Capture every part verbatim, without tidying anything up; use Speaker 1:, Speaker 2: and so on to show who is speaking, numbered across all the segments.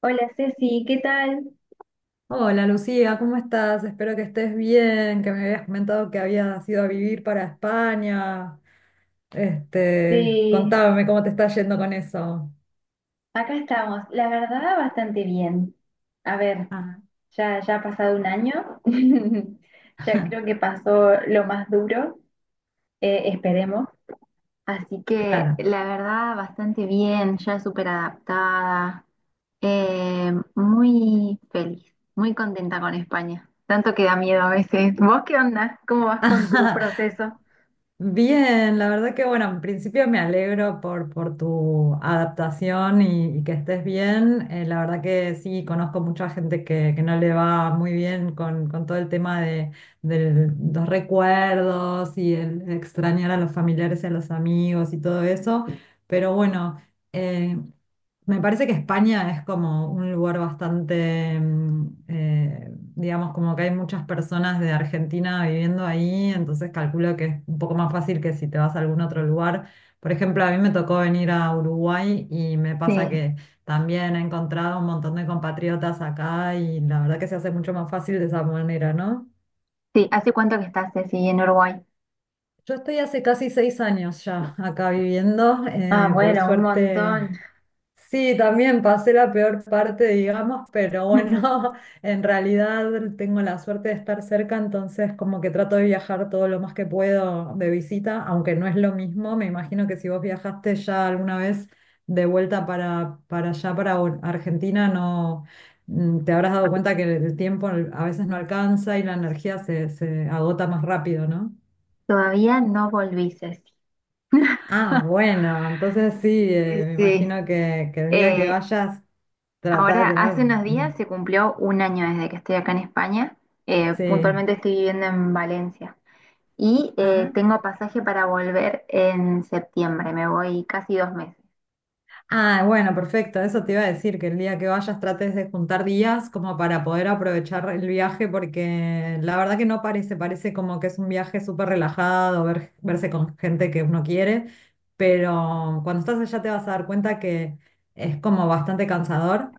Speaker 1: Hola Ceci, ¿qué tal?
Speaker 2: Hola Lucía, ¿cómo estás? Espero que estés bien, que me habías comentado que habías ido a vivir para España. Este,
Speaker 1: Eh,
Speaker 2: contame cómo te está yendo con eso.
Speaker 1: Acá estamos, la verdad bastante bien. A ver,
Speaker 2: Ah,
Speaker 1: ya, ya ha pasado un año, ya creo que pasó lo más duro, eh, esperemos. Así que
Speaker 2: claro.
Speaker 1: la verdad bastante bien, ya súper adaptada, eh, muy feliz, muy contenta con España. Tanto que da miedo a veces. ¿Vos qué onda? ¿Cómo vas con tu proceso?
Speaker 2: Bien, la verdad que bueno, en principio me alegro por, por tu adaptación y, y que estés bien. Eh, la verdad que sí, conozco mucha gente que, que no le va muy bien con, con todo el tema de, de los recuerdos y el extrañar a los familiares y a los amigos y todo eso. Pero bueno, eh, me parece que España es como un lugar bastante, mm, eh, digamos, como que hay muchas personas de Argentina viviendo ahí, entonces calculo que es un poco más fácil que si te vas a algún otro lugar. Por ejemplo, a mí me tocó venir a Uruguay y me pasa
Speaker 1: Sí,
Speaker 2: que también he encontrado un montón de compatriotas acá y la verdad que se hace mucho más fácil de esa manera, ¿no?
Speaker 1: sí. ¿Hace cuánto que estás, Ceci, en Uruguay?
Speaker 2: Yo estoy hace casi seis años ya acá viviendo,
Speaker 1: Ah,
Speaker 2: eh, por
Speaker 1: bueno, un montón.
Speaker 2: suerte. Sí, también pasé la peor parte, digamos, pero bueno, en realidad tengo la suerte de estar cerca, entonces como que trato de viajar todo lo más que puedo de visita, aunque no es lo mismo, me imagino que si vos viajaste ya alguna vez de vuelta para, para allá, para Bo- Argentina, no. Mm, te habrás dado cuenta que el tiempo a veces no alcanza y la energía se, se agota más rápido, ¿no?
Speaker 1: Todavía no volví, Ceci.
Speaker 2: Ah, bueno, entonces sí,
Speaker 1: Sí,
Speaker 2: eh, me
Speaker 1: sí.
Speaker 2: imagino que, que el día que
Speaker 1: Eh,
Speaker 2: vayas, trata
Speaker 1: Ahora,
Speaker 2: de tener...
Speaker 1: hace unos días
Speaker 2: mm,
Speaker 1: se cumplió un año desde que estoy acá en España. Eh,
Speaker 2: Sí.
Speaker 1: puntualmente estoy viviendo en Valencia. Y eh,
Speaker 2: Ajá.
Speaker 1: tengo pasaje para volver en septiembre. Me voy casi dos meses.
Speaker 2: Ah, bueno, perfecto. Eso te iba a decir, que el día que vayas trates de juntar días como para poder aprovechar el viaje, porque la verdad que no parece, parece como que es un viaje súper relajado, ver- verse con gente que uno quiere, pero cuando estás allá te vas a dar cuenta que es como bastante cansador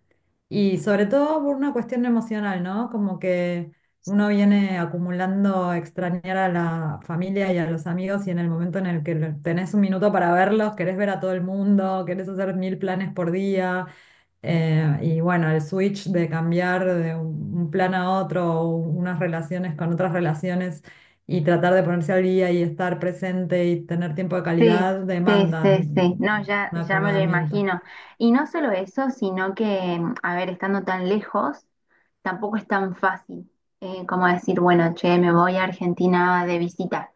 Speaker 2: y sobre todo por una cuestión emocional, ¿no? Como que... Uno viene acumulando extrañar a la familia y a los amigos y en el momento en el que lo- tenés un minuto para verlos, querés ver a todo el mundo, querés hacer mil planes por día. Eh, y bueno, el switch de cambiar de un un plan a otro, o unas relaciones con otras relaciones y tratar de ponerse al día y estar presente y tener tiempo de
Speaker 1: Sí,
Speaker 2: calidad
Speaker 1: sí,
Speaker 2: demanda
Speaker 1: sí, sí. No,
Speaker 2: un
Speaker 1: ya, ya me lo
Speaker 2: acomodamiento.
Speaker 1: imagino. Y no solo eso, sino que, mm, a ver, estando tan lejos, tampoco es tan fácil eh, como decir, bueno, che, me voy a Argentina de visita.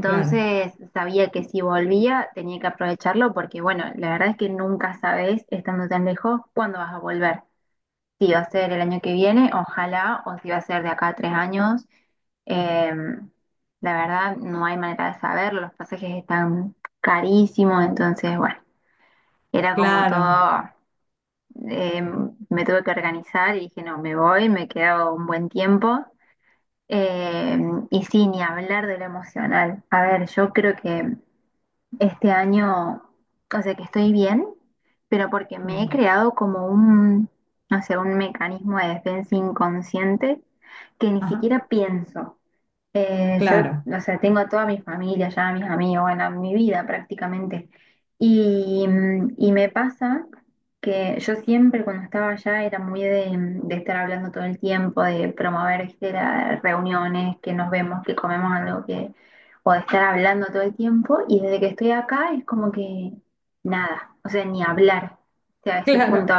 Speaker 2: Claro,
Speaker 1: sabía que si volvía tenía que aprovecharlo porque, bueno, la verdad es que nunca sabes, estando tan lejos, cuándo vas a volver. Si va a ser el año que viene, ojalá, o si va a ser de acá a tres años, eh, la verdad, no hay manera de saberlo, los pasajes están carísimos, entonces, bueno, era como
Speaker 2: claro.
Speaker 1: todo, eh, me tuve que organizar y dije, no, me voy, me quedo un buen tiempo. Eh, y sí, ni hablar de lo emocional. A ver, yo creo que este año, o sea, que estoy bien, pero porque me he
Speaker 2: mm,
Speaker 1: creado como un, no sé, un mecanismo de defensa inconsciente que ni
Speaker 2: Ajá,
Speaker 1: siquiera pienso. Eh, yo,
Speaker 2: claro,
Speaker 1: o sea, tengo a toda mi familia ya, a mis amigos, bueno, a mi vida prácticamente. Y, mm, y me pasa que yo siempre cuando estaba allá era muy de, mm, de estar hablando todo el tiempo, de promover, ¿viste?, las reuniones, que nos vemos, que comemos algo, que, o de estar hablando todo el tiempo. Y desde que estoy acá es como que nada, o sea, ni hablar, o sea, a ese punto.
Speaker 2: claro.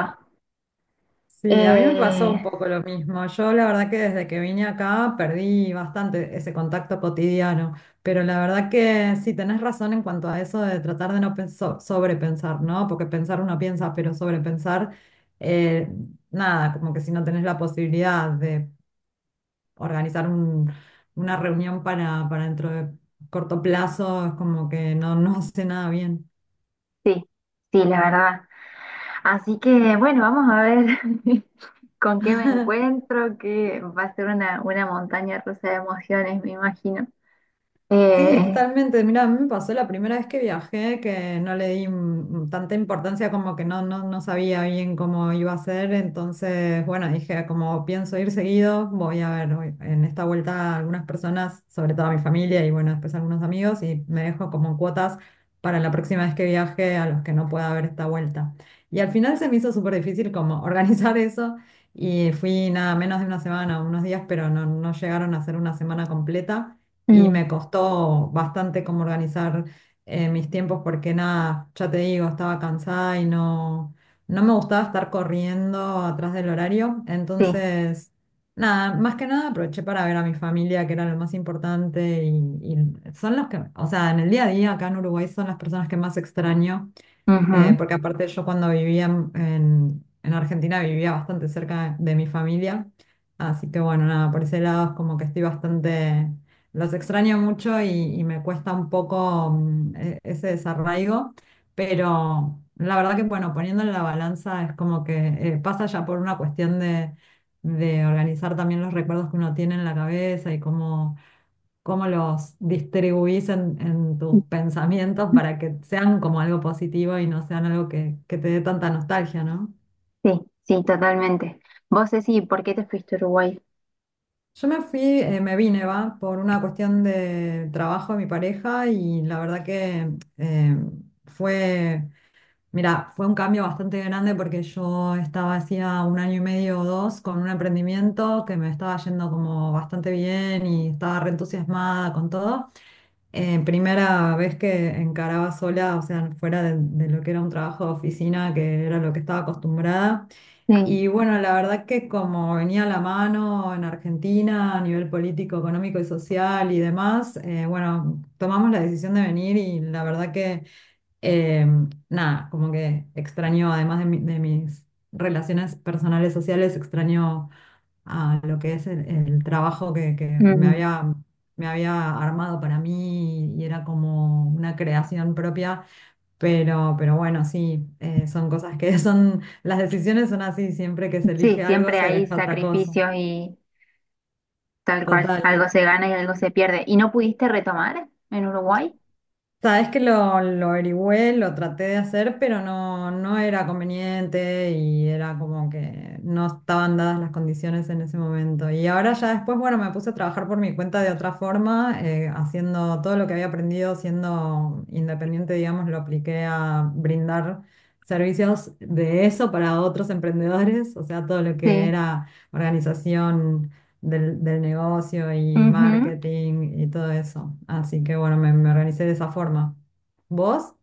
Speaker 2: Sí, a mí me pasó un
Speaker 1: Eh,
Speaker 2: poco lo mismo. Yo la verdad que desde que vine acá perdí bastante ese contacto cotidiano, pero la verdad que sí, tenés razón en cuanto a eso de tratar de no penso- sobrepensar, ¿no? Porque pensar uno piensa, pero sobrepensar, eh, nada, como que si no tenés la posibilidad de organizar un- una reunión para, para dentro de corto plazo, es como que no, no hace nada bien.
Speaker 1: sí, sí, la verdad. Así que bueno, vamos a ver con qué me encuentro, que va a ser una, una montaña rusa de emociones, me imagino.
Speaker 2: Sí,
Speaker 1: Eh,
Speaker 2: totalmente. Mira, a mí me pasó la primera vez que viajé que no le di mm, tanta importancia como que no, no, no sabía bien cómo iba a ser. Entonces, bueno, dije, como pienso ir seguido, voy a ver voy- en esta vuelta algunas personas, sobre todo a mi familia y bueno, después algunos amigos, y me dejo como cuotas para la próxima vez que viaje a los que no pueda ver esta vuelta. Y al final se me hizo súper difícil como organizar eso y fui nada menos de una semana, unos días, pero no, no llegaron a ser una semana completa y
Speaker 1: mm,
Speaker 2: me costó bastante como organizar eh, mis tiempos porque nada, ya te digo, estaba cansada y no, no me gustaba estar corriendo atrás del horario.
Speaker 1: sí,
Speaker 2: Entonces, nada, más que nada aproveché para ver a mi familia, que era lo más importante y, y son los que, o sea, en el día a día acá en Uruguay son las personas que más extraño. Eh,
Speaker 1: ujú,
Speaker 2: porque aparte yo cuando vivía en, en- en Argentina vivía bastante cerca de mi familia, así que bueno, nada, por ese lado es como que estoy bastante, los extraño mucho y, y me cuesta un poco mm, e- ese desarraigo, pero la verdad que bueno, poniendo en la balanza es como que eh, pasa ya por una cuestión de, de organizar también los recuerdos que uno tiene en la cabeza y cómo cómo los distribuís en, en tus pensamientos para que sean como algo positivo y no sean algo que, que te dé tanta nostalgia, ¿no?
Speaker 1: sí, sí, totalmente. Vos, Ceci, ¿por qué te fuiste a Uruguay?
Speaker 2: Yo me fui, eh, me vine, va, por una cuestión de trabajo de mi pareja y la verdad que eh, fue... Mira, fue un cambio bastante grande porque yo estaba hacía un año y medio o dos con un emprendimiento que me estaba yendo como bastante bien y estaba re entusiasmada con todo. Eh, primera vez que encaraba sola, o sea, fuera de, de lo que era un trabajo de oficina, que era lo que estaba acostumbrada.
Speaker 1: Sí,
Speaker 2: Y bueno, la verdad que como venía a la mano en Argentina a nivel político, económico y social y demás, eh, bueno, tomamos la decisión de venir y la verdad que eh, nada, como que extraño, además de, mi- de mis relaciones personales sociales, extraño a lo que es el, el trabajo que, que me
Speaker 1: mm,
Speaker 2: había, me había armado para mí y era como una creación propia, pero, pero bueno, sí, eh, son cosas que son, las decisiones son así, siempre que se
Speaker 1: sí,
Speaker 2: elige algo
Speaker 1: siempre
Speaker 2: se
Speaker 1: hay
Speaker 2: deja otra cosa.
Speaker 1: sacrificios y tal cual,
Speaker 2: Total.
Speaker 1: algo se gana y algo se pierde. ¿Y no pudiste retomar en Uruguay?
Speaker 2: Sabes que lo, lo averigüé, lo traté de hacer, pero no, no era conveniente y era como que no estaban dadas las condiciones en ese momento. Y ahora ya después, bueno, me puse a trabajar por mi cuenta de otra forma, eh, haciendo todo lo que había aprendido siendo independiente, digamos, lo apliqué a brindar servicios de eso para otros emprendedores, o sea, todo lo que
Speaker 1: Sí.
Speaker 2: era organización del, del negocio y
Speaker 1: Ujú.
Speaker 2: marketing y todo eso. Así que bueno, me, me organicé de esa forma. ¿Vos?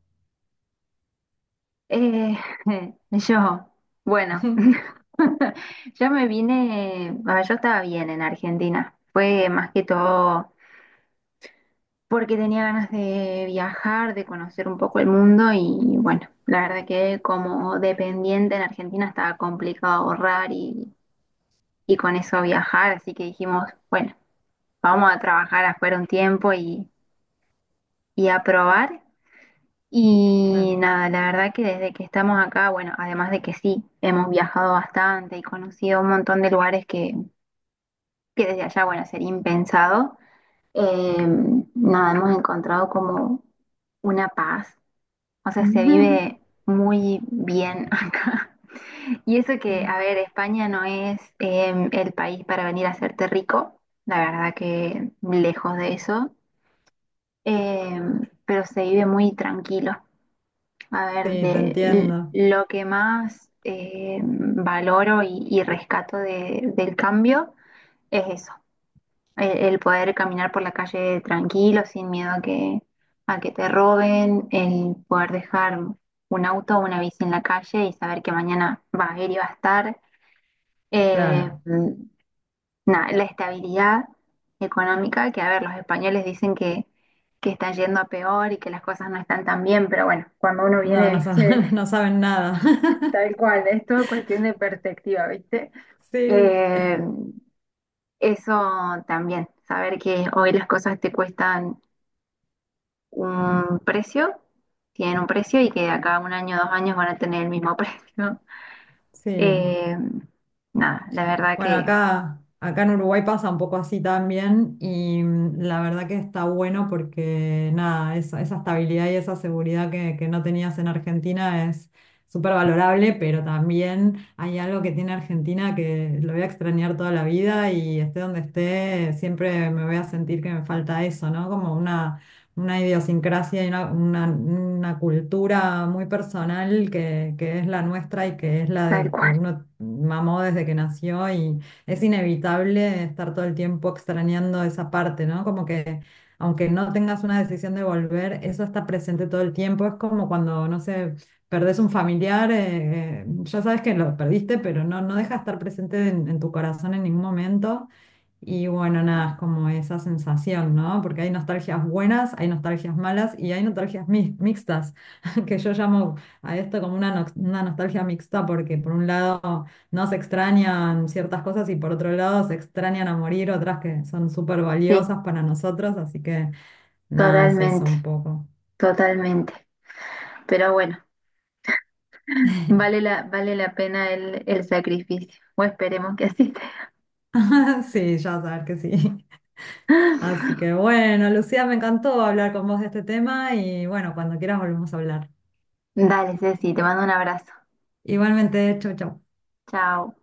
Speaker 1: Eh, yo, bueno. Yo me vine, bueno, yo estaba bien en Argentina. Fue más que todo porque tenía ganas de viajar, de conocer un poco el mundo y bueno, la verdad que como dependiente en Argentina estaba complicado ahorrar y, y con eso viajar, así que dijimos, bueno, vamos a trabajar afuera un tiempo y, y a probar. Y
Speaker 2: Claro.
Speaker 1: nada, la verdad que desde que estamos acá, bueno, además de que sí, hemos viajado bastante y conocido un montón de lugares que que desde allá, bueno, sería impensado, eh, nada, hemos encontrado como una paz, o sea, se vive muy bien acá. Y eso que, a ver, España no es eh, el país para venir a hacerte rico, la verdad que lejos de eso, eh, pero se vive muy tranquilo. A ver,
Speaker 2: Sí, te
Speaker 1: de l-
Speaker 2: entiendo.
Speaker 1: lo que más eh, valoro y, y rescato de- del cambio es eso. El, el poder caminar por la calle tranquilo, sin miedo a que, a que te roben, el poder dejar un auto o una bici en la calle y saber que mañana va a ir y va a estar. Eh,
Speaker 2: Claro.
Speaker 1: Nada, la estabilidad económica, que a ver, los españoles dicen que, que están yendo a peor y que las cosas no están tan bien, pero bueno, cuando uno viene,
Speaker 2: No, no, sa-
Speaker 1: viste,
Speaker 2: no saben nada.
Speaker 1: tal cual.
Speaker 2: Sí,
Speaker 1: Eh, Eso también, saber que hoy las cosas te cuestan un precio, tienen un precio y que de acá a un año, dos años van a tener el mismo precio.
Speaker 2: sí.
Speaker 1: Eh, Nada, la verdad
Speaker 2: Bueno,
Speaker 1: que
Speaker 2: acá, acá en Uruguay pasa un poco así también y mm, la verdad que está bueno porque nada, esa, esa estabilidad y esa seguridad que, que no tenías en Argentina es súper valorable, pero también hay algo que tiene Argentina que lo voy a extrañar toda la vida y esté donde esté, siempre me voy a sentir que me falta eso, ¿no? Como una una idiosincrasia y una, una- una cultura muy personal que, que es la nuestra y que es la
Speaker 1: tal
Speaker 2: de que
Speaker 1: cual.
Speaker 2: uno mamó desde que nació y es inevitable estar todo el tiempo extrañando esa parte, ¿no? Como que aunque no tengas una decisión de volver, eso está presente todo el tiempo. Es como cuando, no sé, perdés un familiar, eh, eh, ya sabes que lo perdiste, pero no, no deja de estar presente en, en tu corazón en ningún momento. Y bueno, nada, es como esa sensación, ¿no? Porque hay nostalgias buenas, hay nostalgias malas y hay nostalgias mi- mixtas, que yo llamo a esto como una, nox- una nostalgia mixta porque por un lado no se extrañan ciertas cosas y por otro lado se extrañan a morir otras que son súper
Speaker 1: Sí,
Speaker 2: valiosas para nosotros, así que nada, es eso
Speaker 1: totalmente,
Speaker 2: un poco.
Speaker 1: totalmente. Pero bueno, vale la, vale la pena el, el sacrificio. O esperemos que así sea.
Speaker 2: Sí, ya sabes que sí. Así que bueno, Lucía, me encantó hablar con vos de este tema y bueno, cuando quieras volvemos a hablar.
Speaker 1: Dale, Ceci, te mando un abrazo.
Speaker 2: Igualmente, chau, chau.
Speaker 1: Chao.